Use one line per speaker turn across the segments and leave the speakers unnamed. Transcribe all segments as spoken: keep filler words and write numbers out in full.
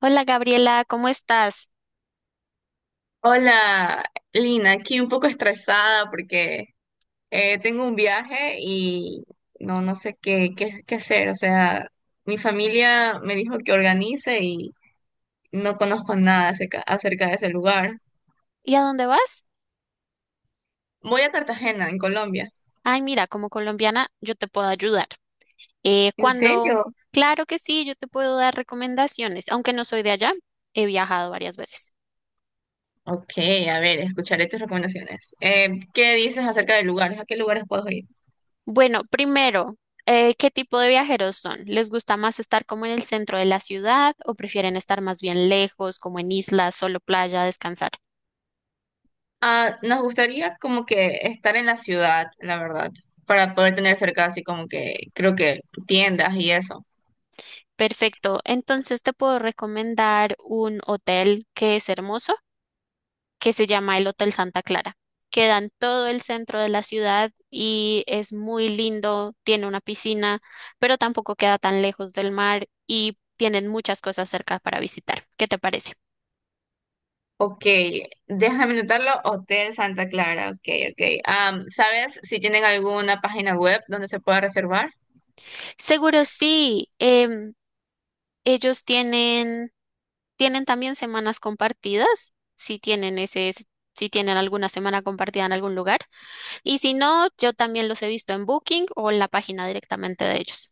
Hola, Gabriela, ¿cómo estás?
Hola, Lina, aquí un poco estresada porque eh, tengo un viaje y no, no sé qué, qué, qué hacer. O sea, mi familia me dijo que organice y no conozco nada acerca, acerca de ese lugar.
¿Y a dónde vas?
Voy a Cartagena, en Colombia.
Ay, mira, como colombiana yo te puedo ayudar. Eh,
¿En
cuando,
serio?
claro que sí, yo te puedo dar recomendaciones, aunque no soy de allá, he viajado varias veces.
Ok, a ver, escucharé tus recomendaciones. Eh, ¿qué dices acerca de lugares? ¿A qué lugares puedo ir?
Bueno, primero, eh, ¿qué tipo de viajeros son? ¿Les gusta más estar como en el centro de la ciudad o prefieren estar más bien lejos, como en islas, solo playa, descansar?
Ah, nos gustaría como que estar en la ciudad, la verdad, para poder tener cerca así como que creo que tiendas y eso.
Perfecto, entonces te puedo recomendar un hotel que es hermoso, que se llama el Hotel Santa Clara. Queda en todo el centro de la ciudad y es muy lindo, tiene una piscina, pero tampoco queda tan lejos del mar y tienen muchas cosas cerca para visitar. ¿Qué te parece?
Ok, déjame anotarlo, Hotel Santa Clara, ok, ok. Am, ¿sabes si tienen alguna página web donde se pueda reservar?
Seguro sí. em, ellos tienen, tienen también semanas compartidas, si tienen ese, si tienen alguna semana compartida en algún lugar. Y si no, yo también los he visto en Booking o en la página directamente de ellos.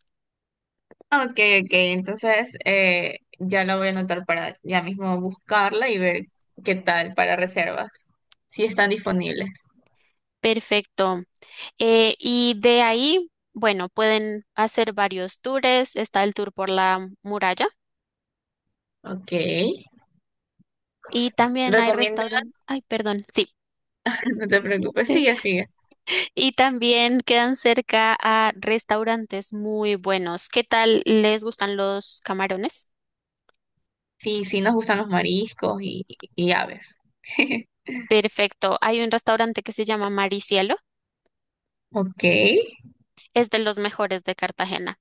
Ok, ok, entonces eh, ya la voy a anotar para ya mismo buscarla y ver qué tal para reservas, si están disponibles.
Perfecto. Eh, y de ahí, bueno, pueden hacer varios tours. Está el tour por la muralla
Ok,
y también hay
recomienda,
restaurantes. Ay, perdón, sí.
no te preocupes, sigue, sigue.
Y también quedan cerca a restaurantes muy buenos. ¿Qué tal les gustan los camarones?
Sí, sí nos gustan los mariscos y, y aves.
Perfecto. Hay un restaurante que se llama Maricielo.
Ok.
Es de los mejores de Cartagena.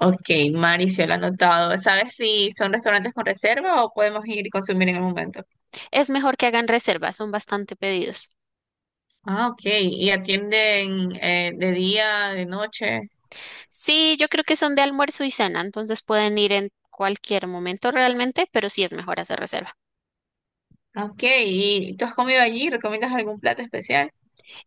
Ok, Mari se lo ha anotado. ¿Sabes si son restaurantes con reserva o podemos ir y consumir en el momento?
Es mejor que hagan reservas, son bastante pedidos.
Ah, ok. ¿Y atienden eh, de día, de noche?
Sí, yo creo que son de almuerzo y cena, entonces pueden ir en cualquier momento realmente, pero sí es mejor hacer reserva.
Ah, ok, ¿y tú has comido allí? ¿Recomiendas algún plato especial?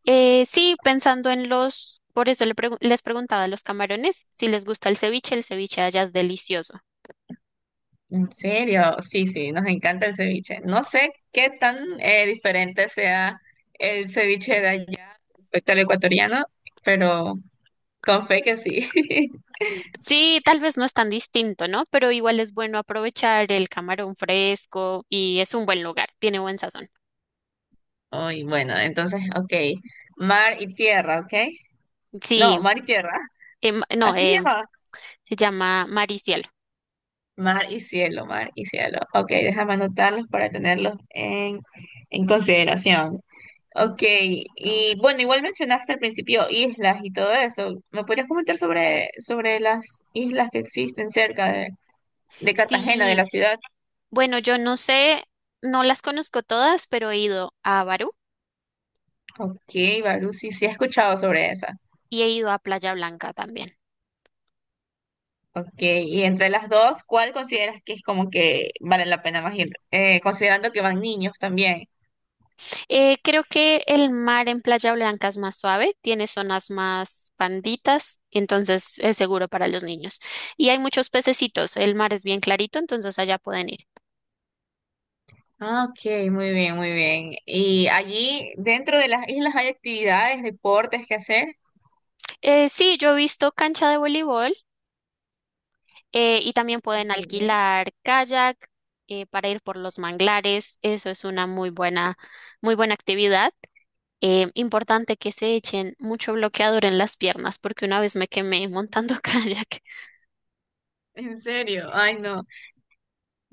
Eh, sí, pensando en los, por eso le pregun- les preguntaba a los camarones si les gusta el ceviche, el ceviche de allá es delicioso.
¿En serio? Sí, sí, nos encanta el ceviche. No sé qué tan eh, diferente sea el ceviche de allá respecto al ecuatoriano, pero con fe que sí.
Sí, tal vez no es tan distinto, ¿no? Pero igual es bueno aprovechar el camarón fresco y es un buen lugar, tiene buen sazón.
Uy, bueno, entonces, ok. Mar y tierra, ¿ok?
Sí,
No, mar y tierra.
em, no,
Así se
em,
llama.
se llama Mar.
Mar y cielo, mar y cielo. Ok, déjame anotarlos para tenerlos en, en consideración. Ok,
Exacto.
y bueno, igual mencionaste al principio islas y todo eso. ¿Me podrías comentar sobre, sobre las islas que existen cerca de, de Cartagena, de la
Sí,
ciudad?
bueno, yo no sé, no las conozco todas, pero he ido a Barú
Ok, Barú, sí, sí he escuchado sobre esa.
y he ido a Playa Blanca también.
Ok, y entre las dos, ¿cuál consideras que es como que vale la pena más ir? Eh, considerando que van niños también.
Eh, creo que el mar en Playa Blanca es más suave, tiene zonas más panditas, entonces es seguro para los niños. Y hay muchos pececitos, el mar es bien clarito, entonces allá pueden ir.
Ah, ok, muy bien, muy bien. ¿Y allí dentro de las islas hay actividades, deportes que hacer?
Eh, sí, yo he visto cancha de voleibol eh, y también pueden
Ok.
alquilar kayak, eh, para ir por los manglares, eso es una muy buena, muy buena actividad. Eh, importante que se echen mucho bloqueador en las piernas, porque una vez me quemé montando kayak.
¿En serio? Ay, no.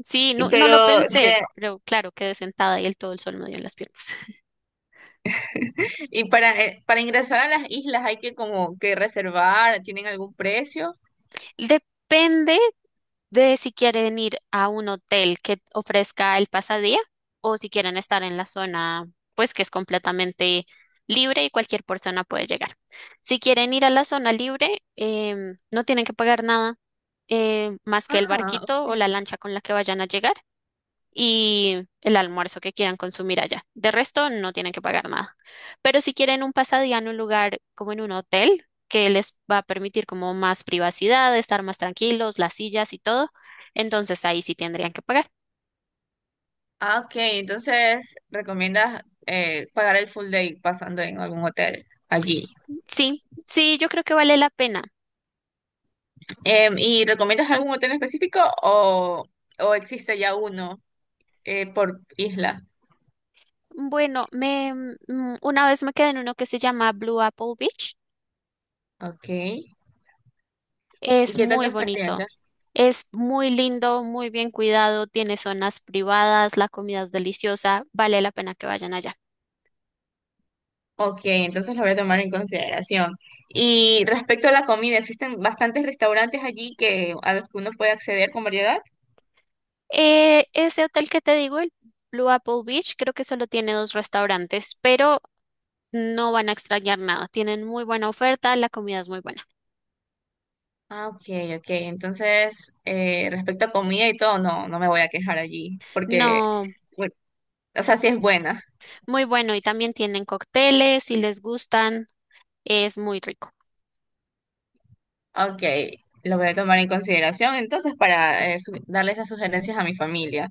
Sí,
Y
no, no lo
pero
pensé,
de-
pero claro, quedé sentada y el todo el sol me dio en las piernas.
y para eh, para ingresar a las islas hay que como que reservar, ¿tienen algún precio?
Depende de si quieren ir a un hotel que ofrezca el pasadía o si quieren estar en la zona, pues que es completamente libre y cualquier persona puede llegar. Si quieren ir a la zona libre, em, no tienen que pagar nada, eh, más que el
Ah,
barquito o
ok.
la lancha con la que vayan a llegar y el almuerzo que quieran consumir allá. De resto, no tienen que pagar nada. Pero si quieren un pasadía en un lugar como en un hotel, que les va a permitir como más privacidad, estar más tranquilos, las sillas y todo, entonces ahí sí tendrían que pagar.
Ah, ok, entonces recomiendas eh, pagar el full day pasando en algún hotel allí.
Sí, sí, yo creo que vale la pena.
Em, ¿y recomiendas algún hotel específico o, o existe ya uno eh, por isla?
Bueno, me mm, mm, una vez me quedé en uno que se llama Blue Apple Beach.
Ok. ¿Y
Es
qué tal tu
muy bonito.
experiencia?
Es muy lindo, muy bien cuidado, tiene zonas privadas, la comida es deliciosa, vale la pena que vayan allá.
Ok, entonces lo voy a tomar en consideración. Y respecto a la comida, ¿existen bastantes restaurantes allí que, a los que uno puede acceder con variedad?
Eh, ese hotel que te digo, el Blue Apple Beach, creo que solo tiene dos restaurantes, pero no van a extrañar nada. Tienen muy buena oferta, la comida es muy buena.
Ah, ok, ok. Entonces, eh, respecto a comida y todo, no, no me voy a quejar allí, porque,
No,
bueno, o sea, sí es buena.
muy bueno, y también tienen cócteles, si les gustan, es muy rico.
Ok, lo voy a tomar en consideración entonces para eh, su- darle esas sugerencias a mi familia.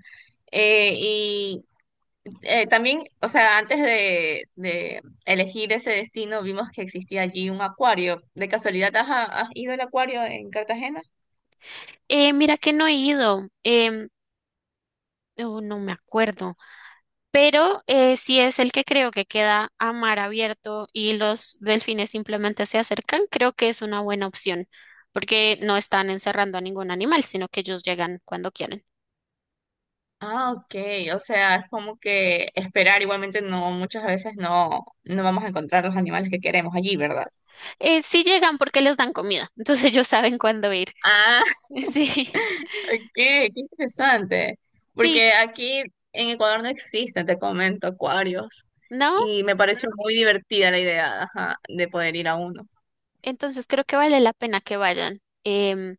Eh, y eh, También, o sea, antes de, de elegir ese destino, vimos que existía allí un acuario. ¿De casualidad has, has ido al acuario en Cartagena?
Eh, mira que no he ido, em, oh, no me acuerdo, pero eh, sí es el que creo que queda a mar abierto y los delfines simplemente se acercan, creo que es una buena opción, porque no están encerrando a ningún animal, sino que ellos llegan cuando quieren.
Ah, ok. O sea, es como que esperar igualmente no, muchas veces no, no vamos a encontrar los animales que queremos allí, ¿verdad?
Eh, sí llegan porque les dan comida, entonces ellos saben cuándo ir.
Ah,
Sí,
ok, qué interesante.
sí,
Porque aquí en Ecuador no existen, te comento, acuarios.
¿no?
Y me pareció muy divertida la idea, ajá, de poder ir a uno.
Entonces creo que vale la pena que vayan. Em,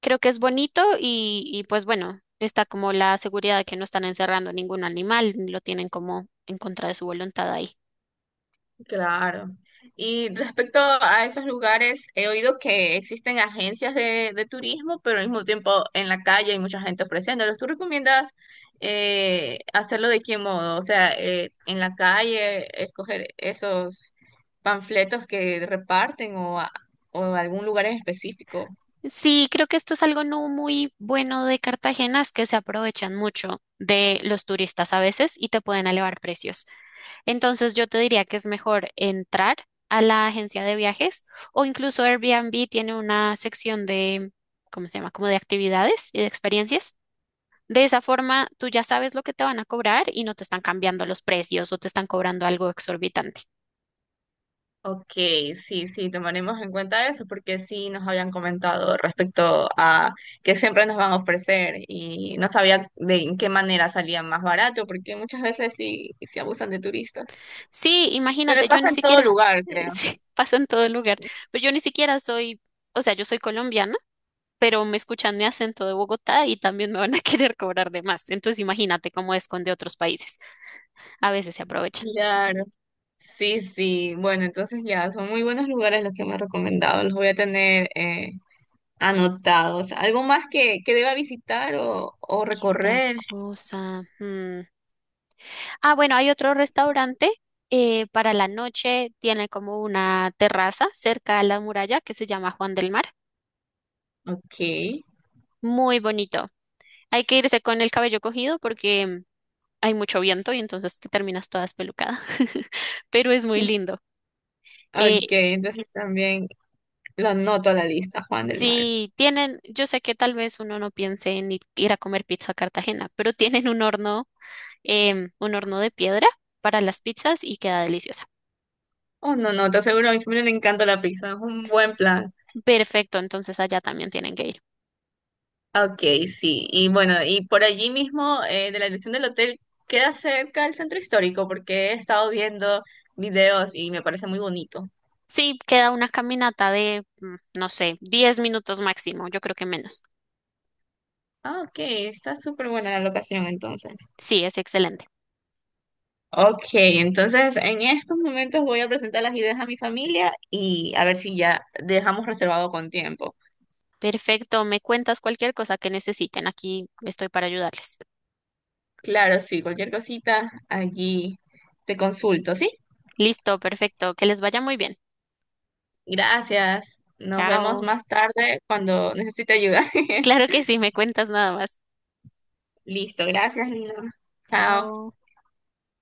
Creo que es bonito y, y pues bueno, está como la seguridad de que no están encerrando ningún animal, lo tienen como en contra de su voluntad ahí.
Claro. Y respecto a esos lugares, he oído que existen agencias de, de turismo, pero al mismo tiempo en la calle hay mucha gente ofreciéndolos. ¿Tú recomiendas eh, hacerlo de qué modo? O sea, eh, en la calle, escoger esos panfletos que reparten o, a- o algún lugar en específico.
Sí, creo que esto es algo no muy bueno de Cartagena, es que se aprovechan mucho de los turistas a veces y te pueden elevar precios. Entonces yo te diría que es mejor entrar a la agencia de viajes o incluso Airbnb tiene una sección de, ¿cómo se llama? Como de actividades y de experiencias. De esa forma tú ya sabes lo que te van a cobrar y no te están cambiando los precios o te están cobrando algo exorbitante.
Ok, sí, sí, tomaremos en cuenta eso porque sí nos habían comentado respecto a que siempre nos van a ofrecer y no sabía de en qué manera salía más barato porque muchas veces sí se abusan de turistas.
Sí,
Pero
imagínate, yo ni
pasa en todo
siquiera,
lugar, creo.
sí, pasa en todo lugar, pero yo ni siquiera soy, o sea, yo soy colombiana, pero me escuchan mi acento de Bogotá y también me van a querer cobrar de más. Entonces imagínate cómo es con de otros países. A veces se aprovecha.
Claro. Sí, sí. Bueno, entonces ya son muy buenos lugares los que me han recomendado. Los voy a tener eh, anotados. ¿Algo más que, que deba visitar o, o
¿Qué otra
recorrer?
cosa? Mm. Ah, bueno, hay otro restaurante, eh, para la noche. Tiene como una terraza cerca a la muralla que se llama Juan del Mar.
Ok.
Muy bonito. Hay que irse con el cabello cogido porque mm, hay mucho viento y entonces te terminas toda espelucada. Pero es muy lindo. Eh,
Ok, entonces también lo anoto a la lista, Juan del Mar.
si tienen, yo sé que tal vez uno no piense en ir, ir a comer pizza a Cartagena, pero tienen un horno, em, un horno de piedra para las pizzas y queda deliciosa.
Oh, no, no, te aseguro, a mi familia le encanta la pizza, es un buen plan.
Perfecto, entonces allá también tienen que ir.
Ok, sí. Y bueno, y por allí mismo, eh, de la dirección del hotel, queda cerca del centro histórico, porque he estado viendo videos y me parece muy bonito.
Sí, queda una caminata de, mm, no sé, diez minutos máximo, yo creo que menos.
Ah, ok, está súper buena la locación entonces.
Sí, es excelente.
Ok, entonces en estos momentos voy a presentar las ideas a mi familia y a ver si ya dejamos reservado con tiempo.
Perfecto, me cuentas cualquier cosa que necesiten, aquí estoy para ayudarles.
Claro, sí, cualquier cosita allí te consulto, ¿sí?
Listo, perfecto, que les vaya muy bien.
Gracias. Nos vemos
Chao.
más tarde cuando necesite ayuda.
Claro que sí, me cuentas nada más.
Listo, gracias, Lina. Chao.
Chao.